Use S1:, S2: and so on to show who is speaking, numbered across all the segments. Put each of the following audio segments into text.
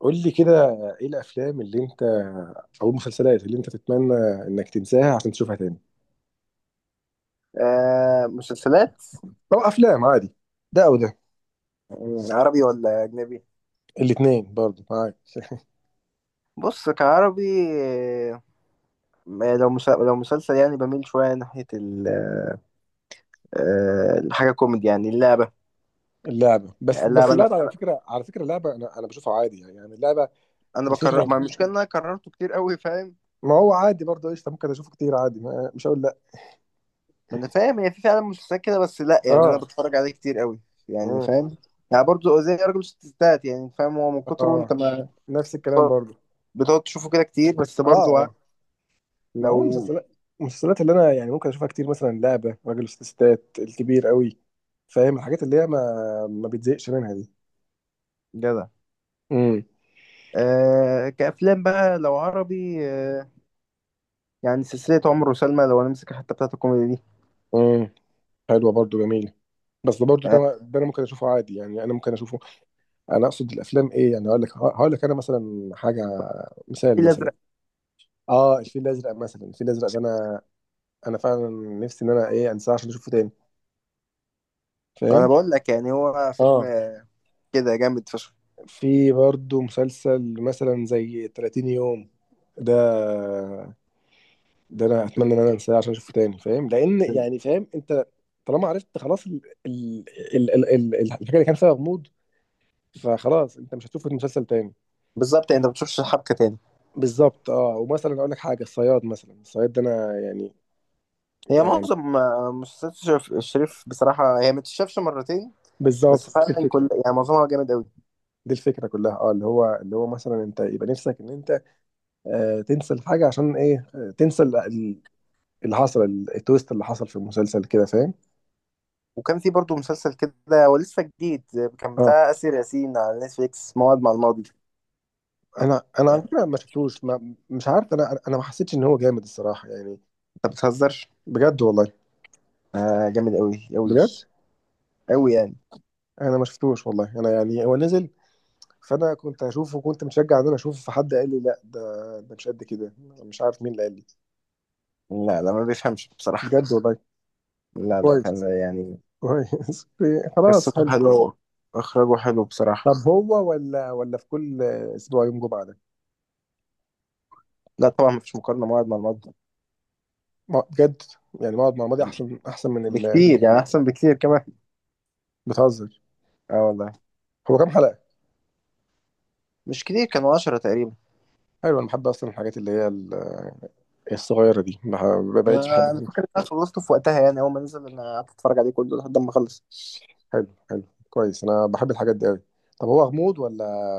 S1: قول لي كده، ايه الافلام اللي انت او المسلسلات اللي انت تتمنى انك تنساها عشان تشوفها تاني،
S2: آه مسلسلات.
S1: او افلام عادي، ده او ده؟
S2: عربي ولا أجنبي؟
S1: الاثنين برضه معاك.
S2: بص كعربي. آه، لو مسلسل يعني بميل شوية ناحية الحاجة كوميدي يعني اللعبة.
S1: اللعبه،
S2: يعني
S1: بس
S2: اللعبة أنا
S1: اللعبه، على
S2: أنا
S1: فكره على فكره اللعبه انا بشوفها عادي، يعني اللعبه.
S2: أنا
S1: نسيت
S2: بكرر،
S1: من-
S2: ما المشكلة إن أنا كررته كتير قوي، فاهم؟
S1: ما هو عادي برضه، قشطه، ممكن اشوفه كتير عادي، ما مش هقول لا.
S2: ما أنا فاهم، هي في فعلا مسلسلات كده، بس لأ يعني أنا
S1: اه،
S2: بتفرج عليه كتير قوي، يعني
S1: اه،
S2: فاهم؟ يعني برضه زي راجل ستات، يعني فاهم، هو من كتره أنت
S1: آه.
S2: ما
S1: نفس الكلام برضه.
S2: بتقعد تشوفه كده كتير، بس
S1: اه،
S2: برضه
S1: اه. ما هو
S2: لو
S1: المسلسلات، المسلسلات اللي انا يعني ممكن اشوفها كتير، مثلا لعبه، راجل وست ستات، الكبير قوي، فاهم؟ الحاجات اللي هي ما بتزهقش منها دي.
S2: جدع.
S1: امم
S2: آه كأفلام بقى، لو عربي، يعني سلسلة عمر وسلمى، لو هنمسك حتى بتاعت الكوميدي دي.
S1: امم حلوه برضو، جميله. بس ده برضو
S2: آه،
S1: ده، انا ممكن اشوفه عادي، يعني انا ممكن اشوفه. انا اقصد الافلام ايه، يعني هقول لك انا مثلا حاجه، مثال مثلا.
S2: الأزرق.
S1: اه، الفيل الازرق مثلا. الفيل الازرق ده انا فعلا نفسي ان انا ايه انساه عشان اشوفه تاني،
S2: أنا
S1: فاهم؟
S2: بقول لك يعني هو فيلم
S1: اه،
S2: كده جامد فشخ.
S1: في برضو مسلسل مثلا زي 30 يوم. ده ده انا اتمنى ان انا انساه عشان اشوفه تاني، فاهم؟ لان يعني فاهم انت، طالما عرفت خلاص، ال... الحاجه اللي كان فيها غموض، فخلاص انت مش هتشوف المسلسل تاني.
S2: بالظبط، يعني أنت ما بتشوفش حبكة تاني.
S1: بالظبط، اه، ومثلا اقول لك حاجه، الصياد مثلا. الصياد ده انا يعني،
S2: هي
S1: يعني
S2: معظم مسلسلات الشريف بصراحة هي ما تتشافش مرتين،
S1: بالظبط
S2: بس
S1: دي
S2: فعلا كل
S1: الفكره.
S2: يعني معظمها جامد قوي.
S1: دي الفكره كلها، اه، اللي هو مثلا انت يبقى نفسك ان انت آه تنسى الحاجه، عشان ايه آه تنسى اللي حصل، التويست اللي حصل في المسلسل كده، فاهم؟
S2: وكان في برضه مسلسل كده، هو لسه جديد، كان
S1: اه،
S2: بتاع آسر ياسين على نتفليكس، موعد مع الماضي.
S1: انا على
S2: آه،
S1: فكره ما شفتوش، ما مش عارف، انا ما حسيتش ان هو جامد الصراحه، يعني.
S2: أنت بتهزر.
S1: بجد والله.
S2: آه جامد قوي قوي
S1: بجد.
S2: قوي يعني.
S1: انا ما شفتوش والله. انا يعني هو نزل، فانا كنت هشوفه وكنت مشجع ان انا اشوفه، فحد قال لي لا، ده مش قد كده. مش عارف مين اللي قال لي.
S2: لا لا ما بيفهمش بصراحة.
S1: بجد والله.
S2: لا لا
S1: كويس،
S2: فعلا يعني.
S1: كويس. خلاص
S2: قصته
S1: حلو.
S2: حلوة وإخراجه حلو بصراحة.
S1: طب هو ولا في كل اسبوع يوم جمعه ده؟
S2: لا طبعا مفيش مقارنة، موعد مع الموعد
S1: بجد، يعني بقعد مع ماضي احسن، احسن من ال...
S2: بكتير يعني، أحسن بكتير كمان.
S1: بتهزر؟
S2: اه والله.
S1: هو كام حلقه؟
S2: مش كتير، كانوا 10 تقريبا.
S1: حلو، انا بحب اصلا الحاجات اللي هي الصغيره دي، ما بقتش
S2: أنا
S1: بحب.
S2: فاكر إن أنا خلصته في وقتها، يعني أول ما نزل أنا قعدت أتفرج عليه كله لحد ما خلص.
S1: حلو، حلو. كويس، انا بحب الحاجات دي قوي. طب هو غموض، ولا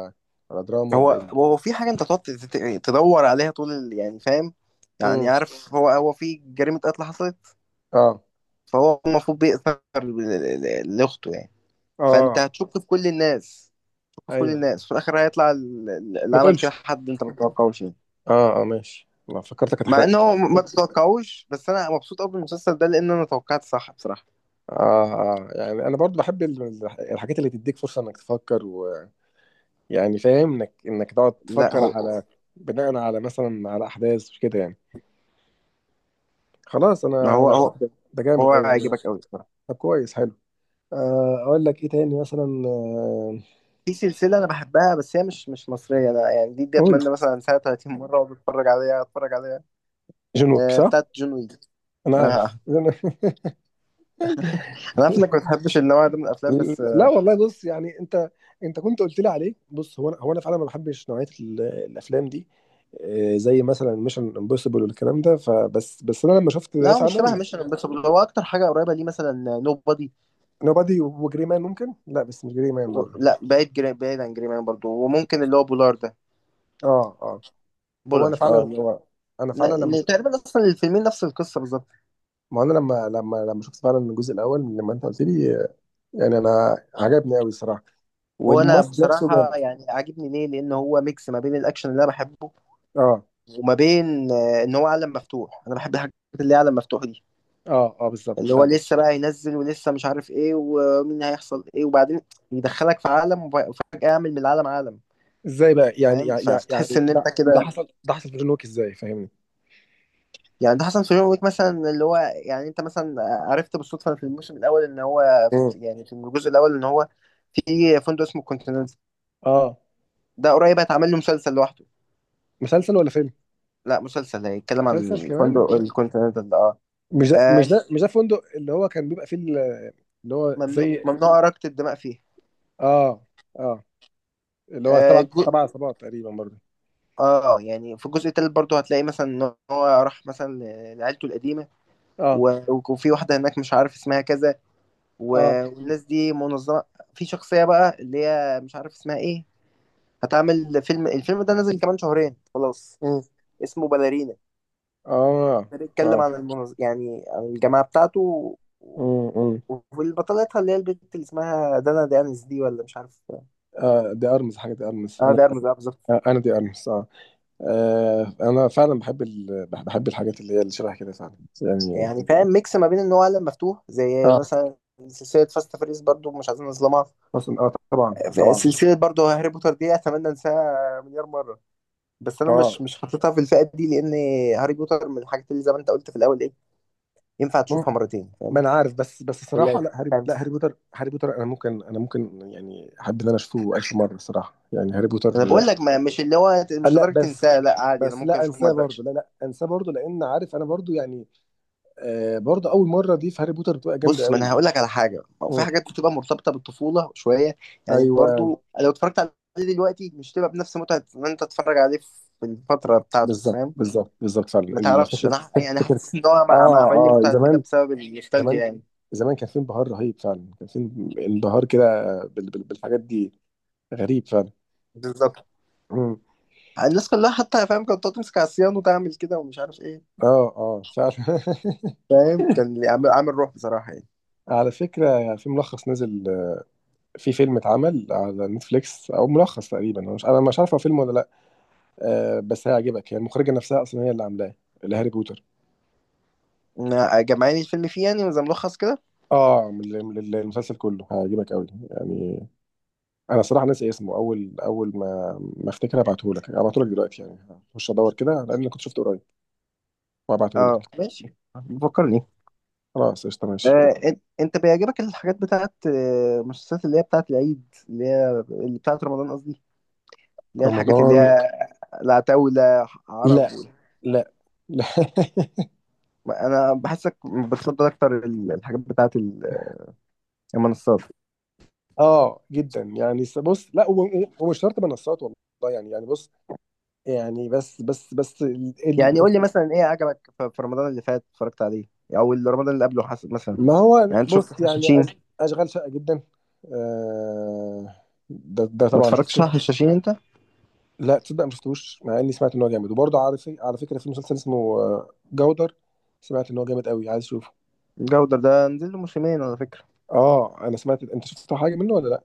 S1: ولا دراما،
S2: هو
S1: ولا ايه؟
S2: هو في حاجة أنت تقعد تدور عليها طول يعني فاهم، يعني
S1: امم
S2: عارف، هو في جريمة قتل حصلت.
S1: اه،
S2: فهو المفروض بيأثر لأخته يعني. فأنت
S1: اه،
S2: هتشك في كل الناس، تشك في كل
S1: ايوه.
S2: الناس، في الآخر هيطلع اللي
S1: ما
S2: عمل
S1: تقولش.
S2: كده حد أنت ما تتوقعوش يعني.
S1: اه، اه، ماشي، ما فكرتك
S2: مع
S1: هتحرق لي.
S2: ان هو ما تتوقعوش، بس انا مبسوط قوي بالمسلسل ده لان انا توقعت صح بصراحه.
S1: آه، اه، آه، يعني انا برضو بحب الحاجات اللي تديك فرصه انك تفكر، ويعني فاهم انك تقعد
S2: لا
S1: تفكر
S2: هو،
S1: على، بناء على مثلا على احداث كده، يعني خلاص،
S2: ما
S1: انا
S2: هو،
S1: انا
S2: هو
S1: ده جامد
S2: هو
S1: قوي يعني.
S2: هيعجبك قوي بصراحه.
S1: طب كويس، حلو. آه اقول لك ايه تاني مثلا، آه
S2: في سلسله انا بحبها بس هي مش مصريه، انا يعني دي
S1: اقول،
S2: اتمنى مثلا سنه 30 مره اقعد اتفرج عليها اتفرج عليها.
S1: جون ويك،
S2: آه
S1: صح.
S2: بتاعت جون ويك.
S1: انا
S2: آه.
S1: عارف.
S2: آه. انا عارف انك ما بتحبش النوع ده من الافلام، بس
S1: لا والله، بص يعني انت، انت كنت قلت لي عليه. بص هو انا، هو انا فعلا ما بحبش نوعيه الافلام دي، آه، زي مثلا ميشن امبوسيبل والكلام ده، فبس بس انا لما شفت ده
S2: لا هو مش شبه
S1: فعلا.
S2: ميشن امبوسيبل، هو اكتر حاجه قريبه ليه مثلا نو بادي.
S1: نوبادي وجري مان ممكن، لا بس مش جري مان برضه.
S2: لا بعيد، بعيد عن جري مان برضه، وممكن اللي هو بولار ده.
S1: اه، اه، هو انا
S2: بولار اه
S1: فعلا،
S2: اللي هو،
S1: انا
S2: لا،
S1: فعلا لما
S2: اللي
S1: شفت،
S2: تقريبا اصلا الفيلمين نفس القصه بالظبط.
S1: ما انا لما شفت فعلا الجزء الاول لما انت قلت لي، آه، يعني انا عجبني قوي الصراحه،
S2: هو انا
S1: والممثل نفسه
S2: بصراحه
S1: جامد.
S2: يعني عاجبني ليه لان هو ميكس ما بين الاكشن اللي انا بحبه،
S1: اه،
S2: وما بين ان هو عالم مفتوح، انا بحب الحاجات اللي هي عالم مفتوح دي،
S1: اه، اه، بالظبط
S2: اللي هو
S1: فعلا.
S2: لسه بقى ينزل ولسه مش عارف ايه ومين هيحصل ايه، وبعدين يدخلك في عالم وفجاه يعمل من العالم عالم.
S1: ازاي بقى يعني،
S2: فاهم
S1: يعني يعني
S2: فتحس ان انت
S1: ده
S2: كده.
S1: حصل، ده حصل في جون ويك ازاي، فاهمني؟
S2: يعني ده حصل في جون ويك مثلا، اللي هو يعني انت مثلا عرفت بالصدفه في الموسم الاول ان هو في، يعني في الجزء الاول ان هو في فندق اسمه كونتيننتال.
S1: اه،
S2: ده قريب هيتعمل له مسلسل لوحده.
S1: مسلسل ولا فيلم؟
S2: لا مسلسل هيتكلم
S1: مسلسل
S2: عن
S1: كمان.
S2: فندق الكونتيننتال اه.
S1: مش ده
S2: آه،
S1: مش ده مش ده فندق اللي هو كان بيبقى فيه اللي هو
S2: ممنوع
S1: زي.
S2: ممنوع إراقة الدماء فيه.
S1: اه، اه، اللي هو
S2: آه
S1: تبع
S2: جو...
S1: تبع عصابات تقريبا برضه.
S2: اه يعني في الجزء التالت برضه هتلاقي مثلا ان هو راح مثلا لعيلته القديمه
S1: اه،
S2: و... وفي واحده هناك مش عارف اسمها كذا و...
S1: اه.
S2: والناس دي منظمه. في شخصيه بقى اللي هي مش عارف اسمها ايه، هتعمل فيلم، الفيلم ده نازل كمان شهرين خلاص،
S1: مم.
S2: اسمه باليرينا.
S1: اه،
S2: ده بيتكلم
S1: اه.
S2: عن يعني عن الجماعه بتاعته و...
S1: مم. مم.
S2: وفي بطلتها اللي هي البنت اللي اسمها دانا دانس دي، ولا مش عارف.
S1: آه، دي ارمس حاجه، دي ارمس،
S2: اه
S1: انا.
S2: ده ارمز اه بالظبط.
S1: آه انا دي ارمس اه. آه، انا فعلا بحب ال... بحب الحاجات اللي هي اللي شبه كده فعلا، يعني.
S2: يعني فاهم، ميكس ما بين ان هو عالم مفتوح، زي
S1: اه
S2: مثلا سلسلة فاست فريز برضو مش عايزين نظلمها.
S1: اصلا، اه طبعا،
S2: في
S1: طبعا.
S2: سلسلة برضو هاري بوتر دي، اتمنى انساها مليار مرة، بس انا
S1: اه،
S2: مش حاططها في الفئة دي، لان هاري بوتر من الحاجات اللي زي ما انت قلت في الاول ايه، ينفع تشوفها مرتين
S1: ما
S2: فاهم.
S1: انا عارف، بس الصراحه
S2: ثلاثة
S1: لا، هاري، لا هاري
S2: خمسة،
S1: بوتر، هاري بوتر انا ممكن يعني احب ان انا اشوفه 1000 مره الصراحه، يعني هاري
S2: انا
S1: بوتر.
S2: بقول لك، ما مش اللي هو
S1: آه،
S2: مش
S1: لا،
S2: لدرجة
S1: بس
S2: تنساها، لا عادي انا
S1: بس
S2: ممكن
S1: لا
S2: اشوف ما
S1: انساه برضه،
S2: ازهقش.
S1: لا لا انساه برضه لان عارف انا برضه يعني، آه، برضه اول مره دي في هاري بوتر بتبقى جامده
S2: بص ما
S1: قوي.
S2: انا هقول لك على حاجه، هو في
S1: مم.
S2: حاجات بتبقى مرتبطه بالطفوله شويه. يعني
S1: ايوه.
S2: برضو لو اتفرجت عليه دلوقتي مش تبقى بنفس متعه ان انت تتفرج عليه في الفتره بتاعته
S1: بالظبط،
S2: فاهم.
S1: بالظبط، بالظبط فعلا.
S2: ما تعرفش، انا يعني حاسس ان هو بقى ما
S1: اه،
S2: عمل لي
S1: اه.
S2: متعه كده
S1: زمان،
S2: بسبب
S1: زمان،
S2: النوستالجيا يعني.
S1: زمان كان في انبهار رهيب فعلا. كان في انبهار كده بالحاجات دي. غريب فعلا.
S2: بالظبط.
S1: مم.
S2: الناس كلها حتى فاهم كانت تقعد تمسك على الصيان وتعمل كده ومش عارف ايه.
S1: اه، اه، فعلا.
S2: فاهم كان عامل روح بصراحه يعني.
S1: على فكرة في ملخص نزل، في فيلم اتعمل على نتفليكس، او ملخص تقريبا، انا مش عارف هو فيلم ولا لا. آه، بس هيعجبك يعني. المخرجة نفسها اصلا هي اللي عاملاه، اللي هاري بوتر.
S2: إن جمعاني الفيلم فيه يعني زي ملخص كده.
S1: اه، من المسلسل كله، هيعجبك قوي يعني. انا صراحة ناسي اسمه. اول ما افتكر هبعته لك، هبعته لك دلوقتي يعني. هخش ادور كده لان كنت شفته قريب، وهبعته
S2: اه
S1: لك.
S2: ماشي بفكرني.
S1: خلاص قشطة، ماشي.
S2: انت بيعجبك الحاجات بتاعت المسلسلات اللي هي بتاعت العيد، اللي هي اللي بتاعت رمضان قصدي، اللي هي الحاجات اللي
S1: رمضان.
S2: أيوة. هي العتاولة،
S1: لا،
S2: عرب وال...
S1: لا، لا.
S2: انا بحسك بتفضل اكتر الحاجات بتاعت المنصات.
S1: اه، جدا، يعني بص لا، ومش شرط منصات والله، يعني، يعني بص، يعني بس ال... ال...
S2: يعني قول لي مثلا ايه عجبك في رمضان اللي فات اتفرجت عليه، او اللي رمضان اللي قبله حسب مثلا.
S1: ما هو
S2: يعني انت شفت
S1: بص يعني
S2: الحشاشين؟
S1: اشغال شقة جدا، آه... ده
S2: ما
S1: طبعا
S2: اتفرجتش على
S1: شفته.
S2: الحشاشين انت.
S1: لا تصدق ما شفتوش، مع اني سمعت ان هو جامد. وبرضه على في... على فكرة في مسلسل اسمه آه، جودر، سمعت ان هو جامد قوي، عايز اشوفه.
S2: الجودر ده نزل له موسمين على فكرة.
S1: اه، انا سمعت، انت شفت حاجة منه ولا لا؟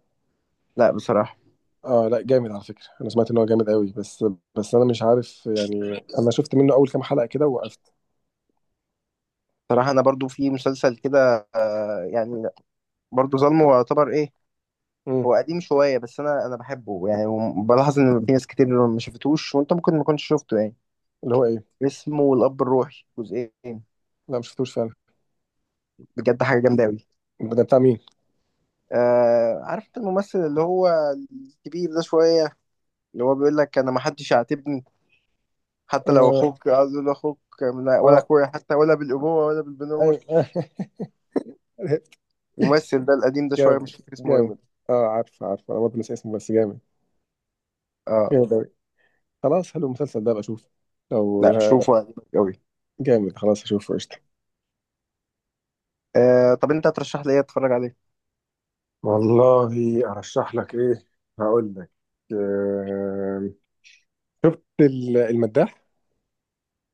S2: لا بصراحة.
S1: اه لا جامد، على فكرة انا سمعت ان هو جامد قوي، بس انا مش عارف يعني. انا شفت منه اول كام حلقة كده ووقفت.
S2: بصراحة انا برضو في مسلسل كده، يعني برضو ظلمه يعتبر ايه.
S1: امم.
S2: هو قديم شوية بس أنا بحبه يعني، وبلاحظ إن في ناس كتير ما شافتوش وأنت ممكن ما كنتش شفته يعني.
S1: اللي هو ايه؟
S2: اسمه الأب الروحي، جزئين.
S1: لا ما شفتوش فعلا.
S2: بجد حاجة جامدة أوي.
S1: ده بتاع مين؟
S2: آه عارف أنت الممثل اللي هو الكبير ده شوية، اللي هو بيقول لك أنا ما حدش يعاتبني حتى لو
S1: اه،
S2: أخوك، عايز أقول أخوك ولا
S1: اه،
S2: أخويا حتى، ولا بالأبوة ولا بالبنوة.
S1: ايوه. عرفت.
S2: الممثل ده القديم ده شوية مش
S1: جامد،
S2: فاكر اسمه إيه.
S1: جامد. اه، عارف، عارف، انا برضه ناسي اسمه بس جامد،
S2: آه
S1: جامد اوي. خلاص حلو، المسلسل ده ابقى اشوفه لو،
S2: لا شوفه هيعجبك أوي.
S1: جامد، خلاص اشوفه قشطة.
S2: آه طب أنت هترشح لي إيه أتفرج عليه؟
S1: والله ارشح لك ايه، هقول لك، آه... شفت المداح؟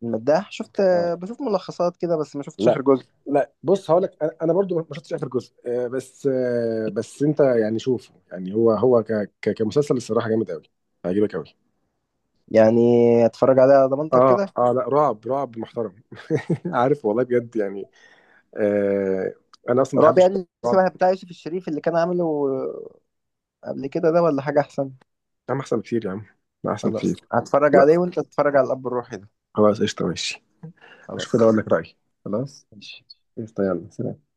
S2: المداح شفت،
S1: آه.
S2: بشوف ملخصات كده بس ما شفتش آخر
S1: لا،
S2: جزء.
S1: لا بص هقول لك انا، أنا برضو ما شفتش اخر جزء، آه بس، آه بس انت يعني شوفه، يعني هو هو كمسلسل الصراحه جامد قوي، هيعجبك قوي.
S2: يعني اتفرج عليها على ضمانتك كده؟
S1: اه، اه، لا، رعب، رعب محترم. عارف والله بجد يعني، آه، انا اصلا ما
S2: رعب
S1: بحبش
S2: يعني
S1: الرعب.
S2: شبه بتاع يوسف الشريف اللي كان عامله قبل كده ده، ولا حاجة أحسن؟
S1: يا عم احسن بكتير، يا عم لا احسن
S2: خلاص
S1: بكتير.
S2: هتفرج
S1: لا،
S2: عليه وأنت تتفرج على الأب الروحي ده.
S1: خلاص قشطه، ماشي. اشوف كده
S2: خلاص
S1: اقول لك رايي. خلاص،
S2: ماشي.
S1: قشطه، يلا، سلام.